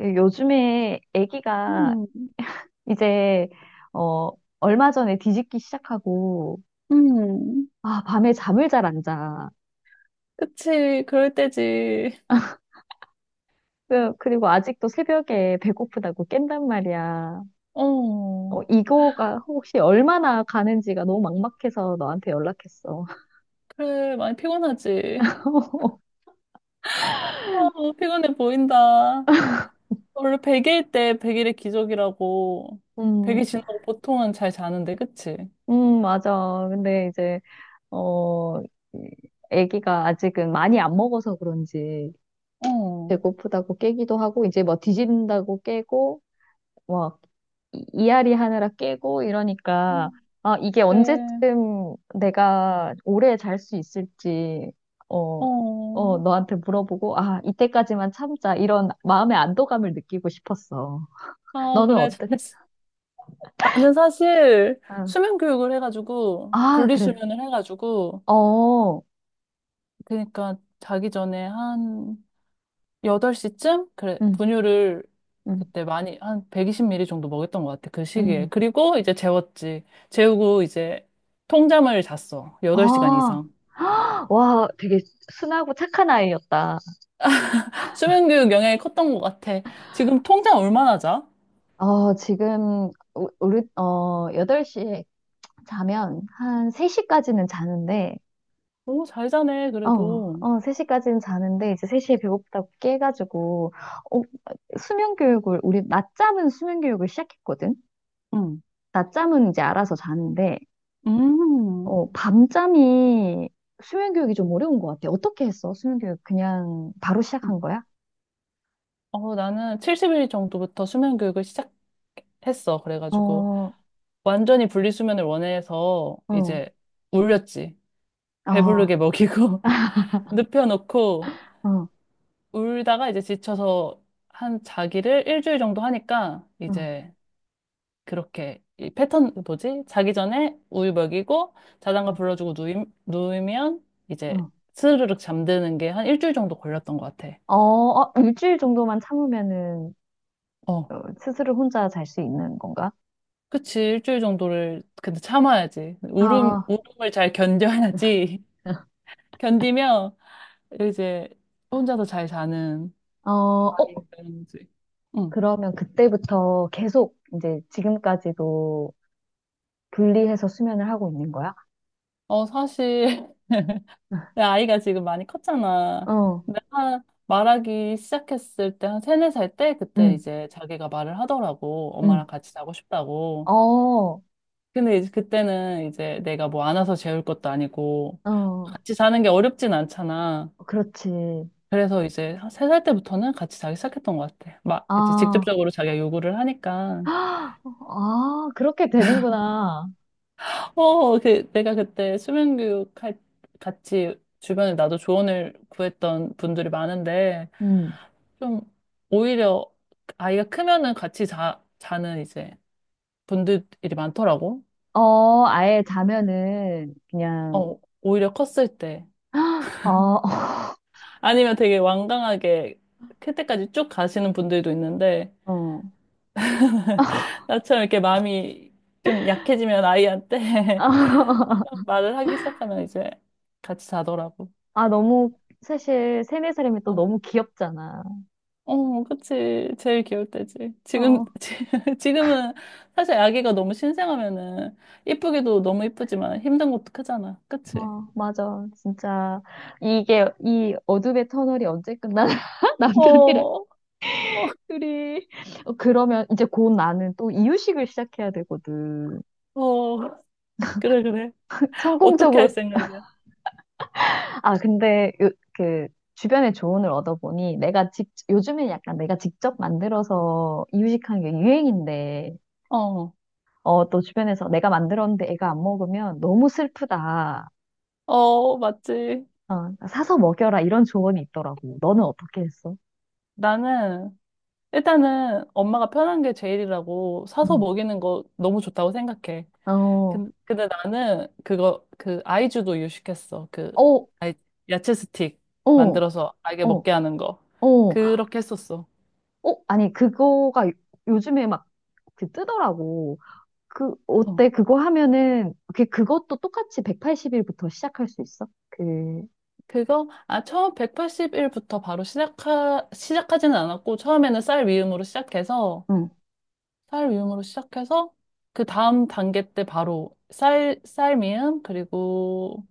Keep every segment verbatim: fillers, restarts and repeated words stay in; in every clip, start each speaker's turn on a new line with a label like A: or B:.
A: 예, 요즘에 아기가
B: 음,
A: 이제 어 얼마 전에 뒤집기 시작하고
B: 음,
A: 아 밤에 잠을 잘 안 자.
B: 그치, 그럴 때지.
A: 그- 그리고 아직도 새벽에 배고프다고 깬단 말이야.
B: 어,
A: 어, 이거가 혹시 얼마나 가는지가 너무 막막해서 너한테 연락했어.
B: 그래, 많이 피곤하지. 어, 피곤해 보인다. 원래 백 일 때 백 일의 기적이라고.
A: 음,
B: 백 일 지나고 보통은 잘 자는데, 그치?
A: 음, 맞아. 근데 이제 어 이- 아기가 아직은 많이 안 먹어서 그런지
B: 어,
A: 배고프다고 깨기도 하고 이제 뭐 뒤진다고 깨고 뭐 이- 이앓이 하느라 깨고 이러니까 아, 이게
B: 그래,
A: 언제쯤 내가 오래 잘 수 있을지 어,
B: 어,
A: 어, 너한테 물어보고 아, 이때까지만 참자 이런 마음의 안도감을 느끼고 싶었어.
B: 아,
A: 너는
B: 그래,
A: 어때?
B: 잘했어. 나는 사실
A: 아,
B: 수면 교육을 해가지고,
A: 아, 그래.
B: 분리수면을 해가지고,
A: 어,
B: 그러니까 자기 전에 한 여덟 시쯤? 그래,
A: 응,
B: 분유를
A: 응,
B: 그때 많이, 한 백이십 밀리리터 정도 먹였던 것 같아, 그 시기에.
A: 응.
B: 그리고 이제 재웠지. 재우고 이제 통잠을 잤어. 여덟 시간
A: 아,
B: 이상.
A: 와, 되게 순하고 착한 아이였다.
B: 수면교육 영향이 컸던 것 같아. 지금 통잠 얼마나 자?
A: 어, 지금, 우- 우리, 어, 여덟 시에 자면 한 세 시까지는 자는데,
B: 오, 잘 자네,
A: 어,
B: 그래도.
A: 어, 세 시까지는 자는데, 이제 세 시에 배고프다고 깨가지고, 어, 수면 교육을, 우리 낮잠은 수면 교육을 시작했거든?
B: 응.
A: 낮잠은 이제 알아서 자는데,
B: 음.
A: 어, 밤잠이 수면 교육이 좀 어려운 것 같아. 어떻게 했어? 수면 교육 그냥 바로 시작한 거야?
B: 어, 나는 칠십 일 정도부터 수면교육을 시작했어.
A: 어,
B: 그래가지고,
A: 어,
B: 완전히 분리수면을 원해서
A: 어,
B: 이제 울렸지.
A: 어,
B: 배부르게 먹이고, 눕혀놓고,
A: 어,
B: 울다가 이제 지쳐서 한 자기를 일주일 정도 하니까
A: 어,
B: 이제 그렇게 이 패턴 뭐지? 자기 전에 우유 먹이고 자장가 불러주고 누임, 누우면 이제
A: 어,
B: 스르륵 잠드는 게 한 일주일 정도 걸렸던 것 같아.
A: 어, 어, 일주일 정도만 참으면은,
B: 어,
A: 어, 스스로 혼자 잘 수 있는 건가?
B: 그치. 일주일 정도를 근데 참아야지. 울음,
A: 아,
B: 울음을 잘 견뎌야지. 견디면 이제 혼자서 잘 자는
A: 어, 어,
B: 아이가 되는 지. 응.
A: 그러면 그때부터 계속 이제 지금까지도 분리해서 수면을 하고 있는 거야?
B: 어, 사실 내 아이가 지금 많이 컸잖아.
A: 어,
B: 내가 말하기 시작했을 때 한 세네 살 때 그때
A: 응,
B: 이제 자기가 말을 하더라고.
A: 응.
B: 엄마랑 같이 자고 싶다고.
A: 어,
B: 근데 이제 그때는 이제 내가 뭐 안아서 재울 것도 아니고
A: 어,
B: 같이 자는 게 어렵진 않잖아.
A: 그렇지.
B: 그래서 이제 세 살 때부터는 같이 자기 시작했던 것 같아. 막 이제
A: 아,
B: 직접적으로 자기가 요구를 하니까.
A: 아, 그렇게 되는구나.
B: 어, 그 내가 그때 수면 교육 할 같이 주변에 나도 조언을 구했던 분들이 많은데
A: 음.
B: 좀 오히려 아이가 크면은 같이 자, 자는 이제 분들이 많더라고.
A: 어, 아예 자면은 그냥,
B: 어, 오히려 컸을 때.
A: 어,
B: 아니면 되게 완강하게 클 때까지 쭉 가시는 분들도 있는데,
A: 어.
B: 나처럼 이렇게 마음이 좀 약해지면 아이한테 말을 하기 시작하면 이제 같이 자더라고.
A: 아, 너무, 사실, 세네 살이면 또
B: 어,
A: 너무 귀엽잖아.
B: 어, 그치. 제일 귀여울 때지. 지금,
A: 어.
B: 지- 지금은 사실 아기가 너무 신생하면은 이쁘기도 너무 이쁘지만 힘든 것도 크잖아. 그치?
A: 어 맞아. 진짜, 이게, 이 어둠의 터널이 언제 끝나나?
B: 어,
A: 남편이랑
B: 어,
A: 둘이. 어, 그러면 이제 곧 나는 또 이유식을 시작해야 되거든.
B: 어, 그래, 그래. 어떻게 할
A: 성공적으로.
B: 생각이야?
A: 아, 근데, 요, 그, 주변의 조언을 얻어보니, 내가 직, 요즘에 약간 내가 직접 만들어서 이유식하는 게 유행인데,
B: 어,
A: 어, 또 주변에서 내가 만들었는데 애가 안 먹으면 너무 슬프다.
B: 어, 맞지.
A: 어, 사서 먹여라. 이런 조언이 있더라고. 너는 어떻게 했어?
B: 나는, 일단은 엄마가 편한 게 제일이라고 사서
A: 응.
B: 먹이는 거 너무 좋다고 생각해.
A: 어,
B: 근- 근데, 나는 그거, 그 아이주도 유식했어. 그,
A: 어,
B: 아이, 야채 스틱
A: 어.
B: 만들어서 아이게
A: 어,
B: 먹게 하는 거.
A: 어,
B: 그렇게 했었어.
A: 어, 아니, 그거가 요- 요즘에 막 그 뜨더라고. 그,
B: 어,
A: 어때? 그거 하면은, 그, 그것도 똑같이 백팔십 일부터 시작할 수 있어? 그,
B: 그거, 아, 처음 백팔십 일부터 바로 시작하, 시작하지는 않았고, 처음에는 쌀 위음으로 시작해서,
A: 응,
B: 쌀 미음으로 시작해서 그 다음 단계 때 바로 쌀, 쌀 미음 그리고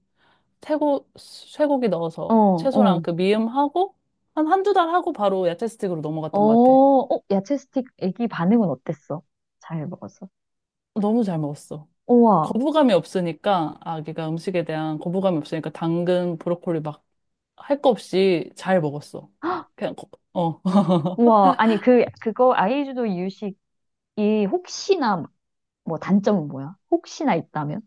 B: 쇠고, 쇠고기 넣어서
A: 어,
B: 채소랑
A: 어,
B: 그 미음하고 한 한두 달 하고 바로 야채 스틱으로
A: 어,
B: 넘어갔던 것 같아.
A: 어, 야채 스틱 애기 반응은 어땠어? 잘 먹었어?
B: 너무 잘 먹었어.
A: 우와,
B: 거부감이 없으니까 아기가 음식에 대한 거부감이 없으니까 당근, 브로콜리 막 할 거 없이 잘 먹었어. 그냥. 거- 어.
A: 우와. 아니, 그, 그거 아이주도 이유식이 혹시나, 뭐 단점은 뭐야? 혹시나 있다면?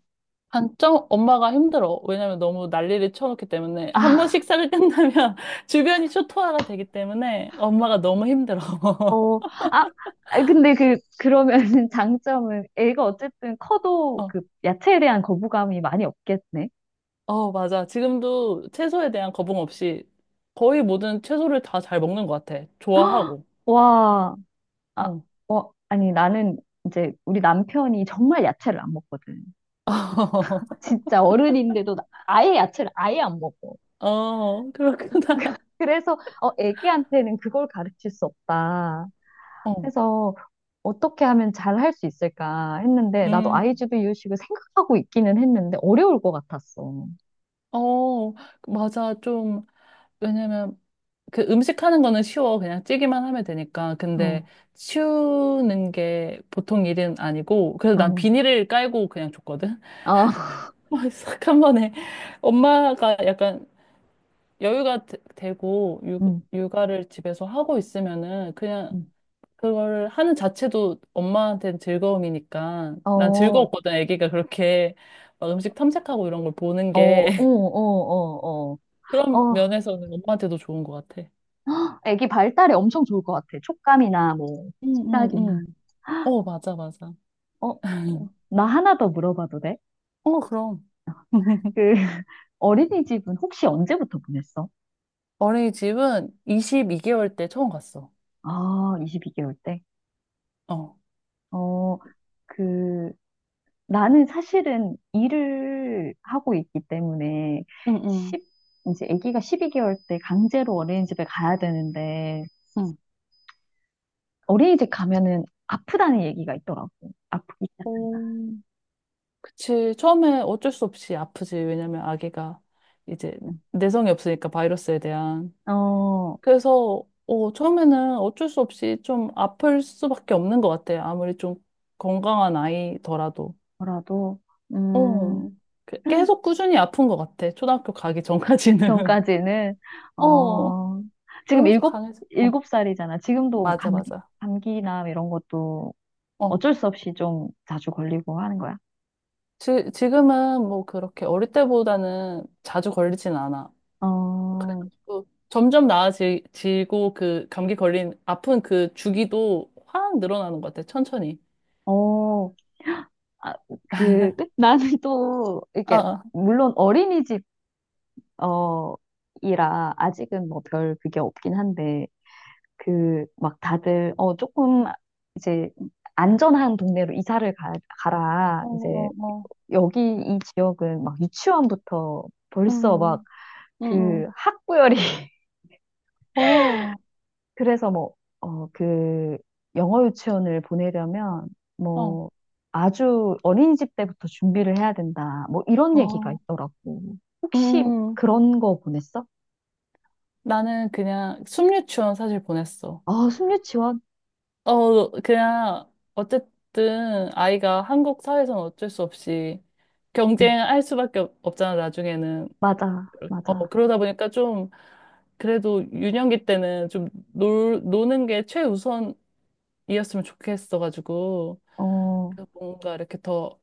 B: 단점 엄마가 힘들어. 왜냐면 너무 난리를 쳐놓기 때문에 한 번
A: 아,
B: 식사를 끝나면 주변이 초토화가 되기 때문에 엄마가 너무 힘들어.
A: 어, 아, 아, 근데 그, 그러면 장점은 애가 어쨌든 커도
B: 어,
A: 그 야채에 대한 거부감이 많이 없겠네.
B: 어, 맞아. 지금도 채소에 대한 거부감 없이 거의 모든 채소를 다 잘 먹는 것 같아. 좋아하고.
A: 와, 아,
B: 어.
A: 어, 아니 나는 이제 우리 남편이 정말 야채를 안 먹거든. 진짜 어른인데도 나- 아예 야채를 아예 안 먹어.
B: 어, 그렇구나.
A: 그래서 어, 애기한테는 그걸 가르칠 수 없다.
B: 어.
A: 그래서 어떻게 하면 잘 할 수 있을까 했는데 나도
B: 음.
A: 아이주도 이유식을 생각하고 있기는 했는데 어려울 것 같았어.
B: 어, 맞아. 좀, 왜냐면 그 음식 하는 거는 쉬워. 그냥 찌기만 하면 되니까. 근데
A: 어,
B: 치우는 게 보통 일은 아니고. 그래서 난
A: 어,
B: 비닐을 깔고 그냥 줬거든.
A: 어.
B: 막 싹 한 번에. 엄마가 약간 여유가 되- 되고 육,
A: 음,
B: 육아를 집에서 하고 있으면은 그냥
A: 음.
B: 그걸 하는 자체도 엄마한테는 즐거움이니까.
A: 어,
B: 난
A: 어,
B: 즐거웠거든. 아기가 그렇게 막 음식 탐색하고 이런 걸 보는
A: 어, 어,
B: 게.
A: 어, 어.
B: 그런
A: 어,
B: 면에서는 엄마한테도 좋은 것 같아.
A: 애기 발달에 엄청 좋을 것 같아. 촉감이나 뭐,
B: 응, 응,
A: 시각이나.
B: 응. 어, 맞아, 맞아.
A: 어, 어, 나 하나 더 물어봐도 돼?
B: 어, 그럼.
A: 그, 어린이집은 혹시 언제부터 보냈어?
B: 어린이집은 이십이 개월 때 처음 갔어.
A: 아, 이십이 개월 때?
B: 어.
A: 어, 그, 나는 사실은 일을 하고 있기 때문에
B: 응, 응,
A: 십 이제 아기가 십이 개월 때 강제로 어린이집에 가야 되는데,
B: 응.
A: 어린이집 가면은 아프다는 얘기가 있더라고. 아프기 시작.
B: 어, 그치. 처음에 어쩔 수 없이 아프지. 왜냐면 아기가 이제 내성이 없으니까 바이러스에 대한.
A: 어,
B: 그래서, 어, 처음에는 어쩔 수 없이 좀 아플 수밖에 없는 것 같아. 아무리 좀 건강한 아이더라도.
A: 뭐라도, 음,
B: 어, 그- 계속 꾸준히 아픈 것 같아. 초등학교 가기 전까지는.
A: 전까지는,
B: 어,
A: 어, 지금
B: 그러면서
A: 일곱,
B: 강해져. 어,
A: 일곱 살이잖아. 지금도
B: 맞아,
A: 감기,
B: 맞아.
A: 감기나 이런 것도
B: 어.
A: 어쩔 수 없이 좀 자주 걸리고 하는 거야.
B: 지, 지금은 뭐 그렇게 어릴 때보다는 자주 걸리진 않아.
A: 어,
B: 그래가지고 점점 나아지고 그 감기 걸린 아픈 그 주기도 확 늘어나는 것 같아. 천천히.
A: 어, 아, 그, 나는 또,
B: 아,
A: 이렇게,
B: 아.
A: 물론 어린이집, 어, 이라 아직은 뭐 별 그게 없긴 한데, 그, 막 다들, 어, 조금, 이제, 안전한 동네로 이사를 가, 가라.
B: 어,
A: 이제
B: 어, 어.
A: 여기 이 지역은 막 유치원부터 벌써 막
B: 음, 음, 음.
A: 그 학구열이
B: 어,
A: 그래서 뭐, 어, 그 영어 유치원을 보내려면
B: 어,
A: 뭐 아주 어린이집 때부터 준비를 해야 된다. 뭐 이런 얘기가
B: 어.
A: 있더라고. 혹시
B: 음.
A: 그런 거 보냈어?
B: 나는 그냥 숲유치원 사실 보냈어.
A: 아, 숨유치원?
B: 어, 그냥 어쨌든 아이가 한국 사회에서는 어쩔 수 없이
A: 응,
B: 경쟁할 수밖에 없- 없잖아, 나중에는.
A: 맞아,
B: 어,
A: 맞아.
B: 그러다 보니까 좀, 그래도 유년기 때는 좀 놀, 노는 게 최우선이었으면 좋겠어가지고,
A: 어,
B: 그 뭔가 이렇게 더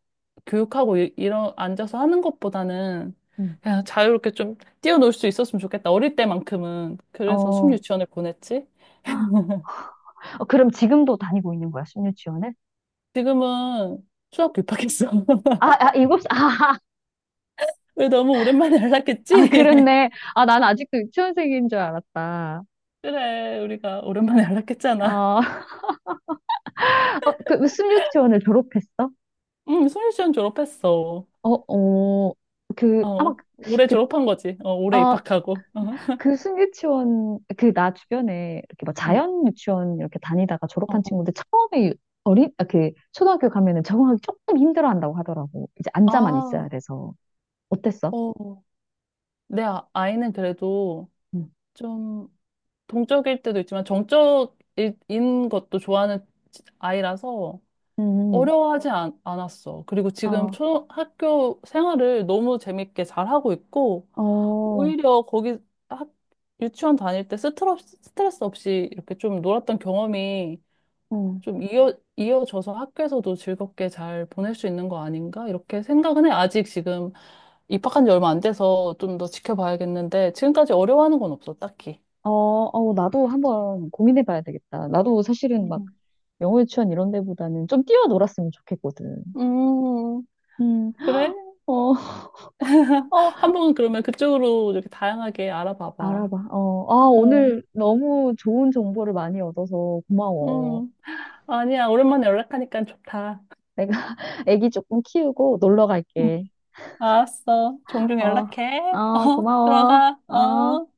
B: 교육하고 이- 이런, 앉아서 하는 것보다는
A: 응,
B: 그냥 자유롭게 좀 뛰어놀 수 있었으면 좋겠다. 어릴 때만큼은. 그래서
A: 어.
B: 숨유치원을 보냈지.
A: 어, 그럼 지금도 다니고 있는 거야, 숨유치원을?
B: 지금은 수학교 입학했어.
A: 아, 아, 일곱, 살- 아, 아,
B: 왜 너무 오랜만에
A: 아,
B: 연락했지?
A: 그렇네. 아, 난 아직도 유치원생인 줄 알았다.
B: 그래, 우리가 오랜만에 연락했잖아.
A: 어, 어, 그 무슨 유치원을 졸업했어?
B: 응, 숨유치원 졸업했어.
A: 어, 어, 그, 아마,
B: 어, 올해
A: 그,
B: 졸업한 거지. 어, 올해
A: 아,
B: 입학하고. 어,
A: 그 순유치원, 그, 나 주변에 이렇게 막
B: 응.
A: 자연 유치원 이렇게 다니다가
B: 어,
A: 졸업한
B: 어.
A: 친구들 처음에 어린, 아, 그, 초등학교 가면은 적응하기 조금 힘들어 한다고 하더라고. 이제 앉아만
B: 아,
A: 있어야 돼서. 어땠어?
B: 어. 내 아- 아이는 그래도
A: 음,
B: 좀 동적일 때도 있지만 정적인 것도 좋아하는 아이라서
A: 음,
B: 어려워하지 않, 않았어. 그리고 지금
A: 어,
B: 초등학교 생활을 너무 재밌게 잘하고 있고,
A: 어,
B: 오히려 거기 학, 유치원 다닐 때 스트레스, 스트레스 없이 이렇게 좀 놀았던 경험이
A: 음.
B: 좀 이어, 이어져서 학교에서도 즐겁게 잘 보낼 수 있는 거 아닌가? 이렇게 생각은 해. 아직 지금 입학한 지 얼마 안 돼서 좀 더 지켜봐야겠는데, 지금까지 어려워하는 건 없어, 딱히.
A: 어, 어, 나도 한번 고민해 봐야 되겠다. 나도 사실은 막
B: 음.
A: 영어 유치원 이런 데보다는 좀 뛰어놀았으면 좋겠거든.
B: 음,
A: 음,
B: 그래?
A: 어. 어,
B: 한번 그러면 그쪽으로 이렇게 다양하게 알아봐봐.
A: 알아봐. 어, 아,
B: 어,
A: 오늘 너무 좋은 정보를 많이 얻어서 고마워.
B: 음. 아니야, 오랜만에 연락하니까 좋다.
A: 내가 아기 조금 키우고 놀러
B: 음.
A: 갈게.
B: 알았어. 종종
A: 어,
B: 연락해.
A: 어,
B: 어,
A: 고마워.
B: 들어가. 어.
A: 어.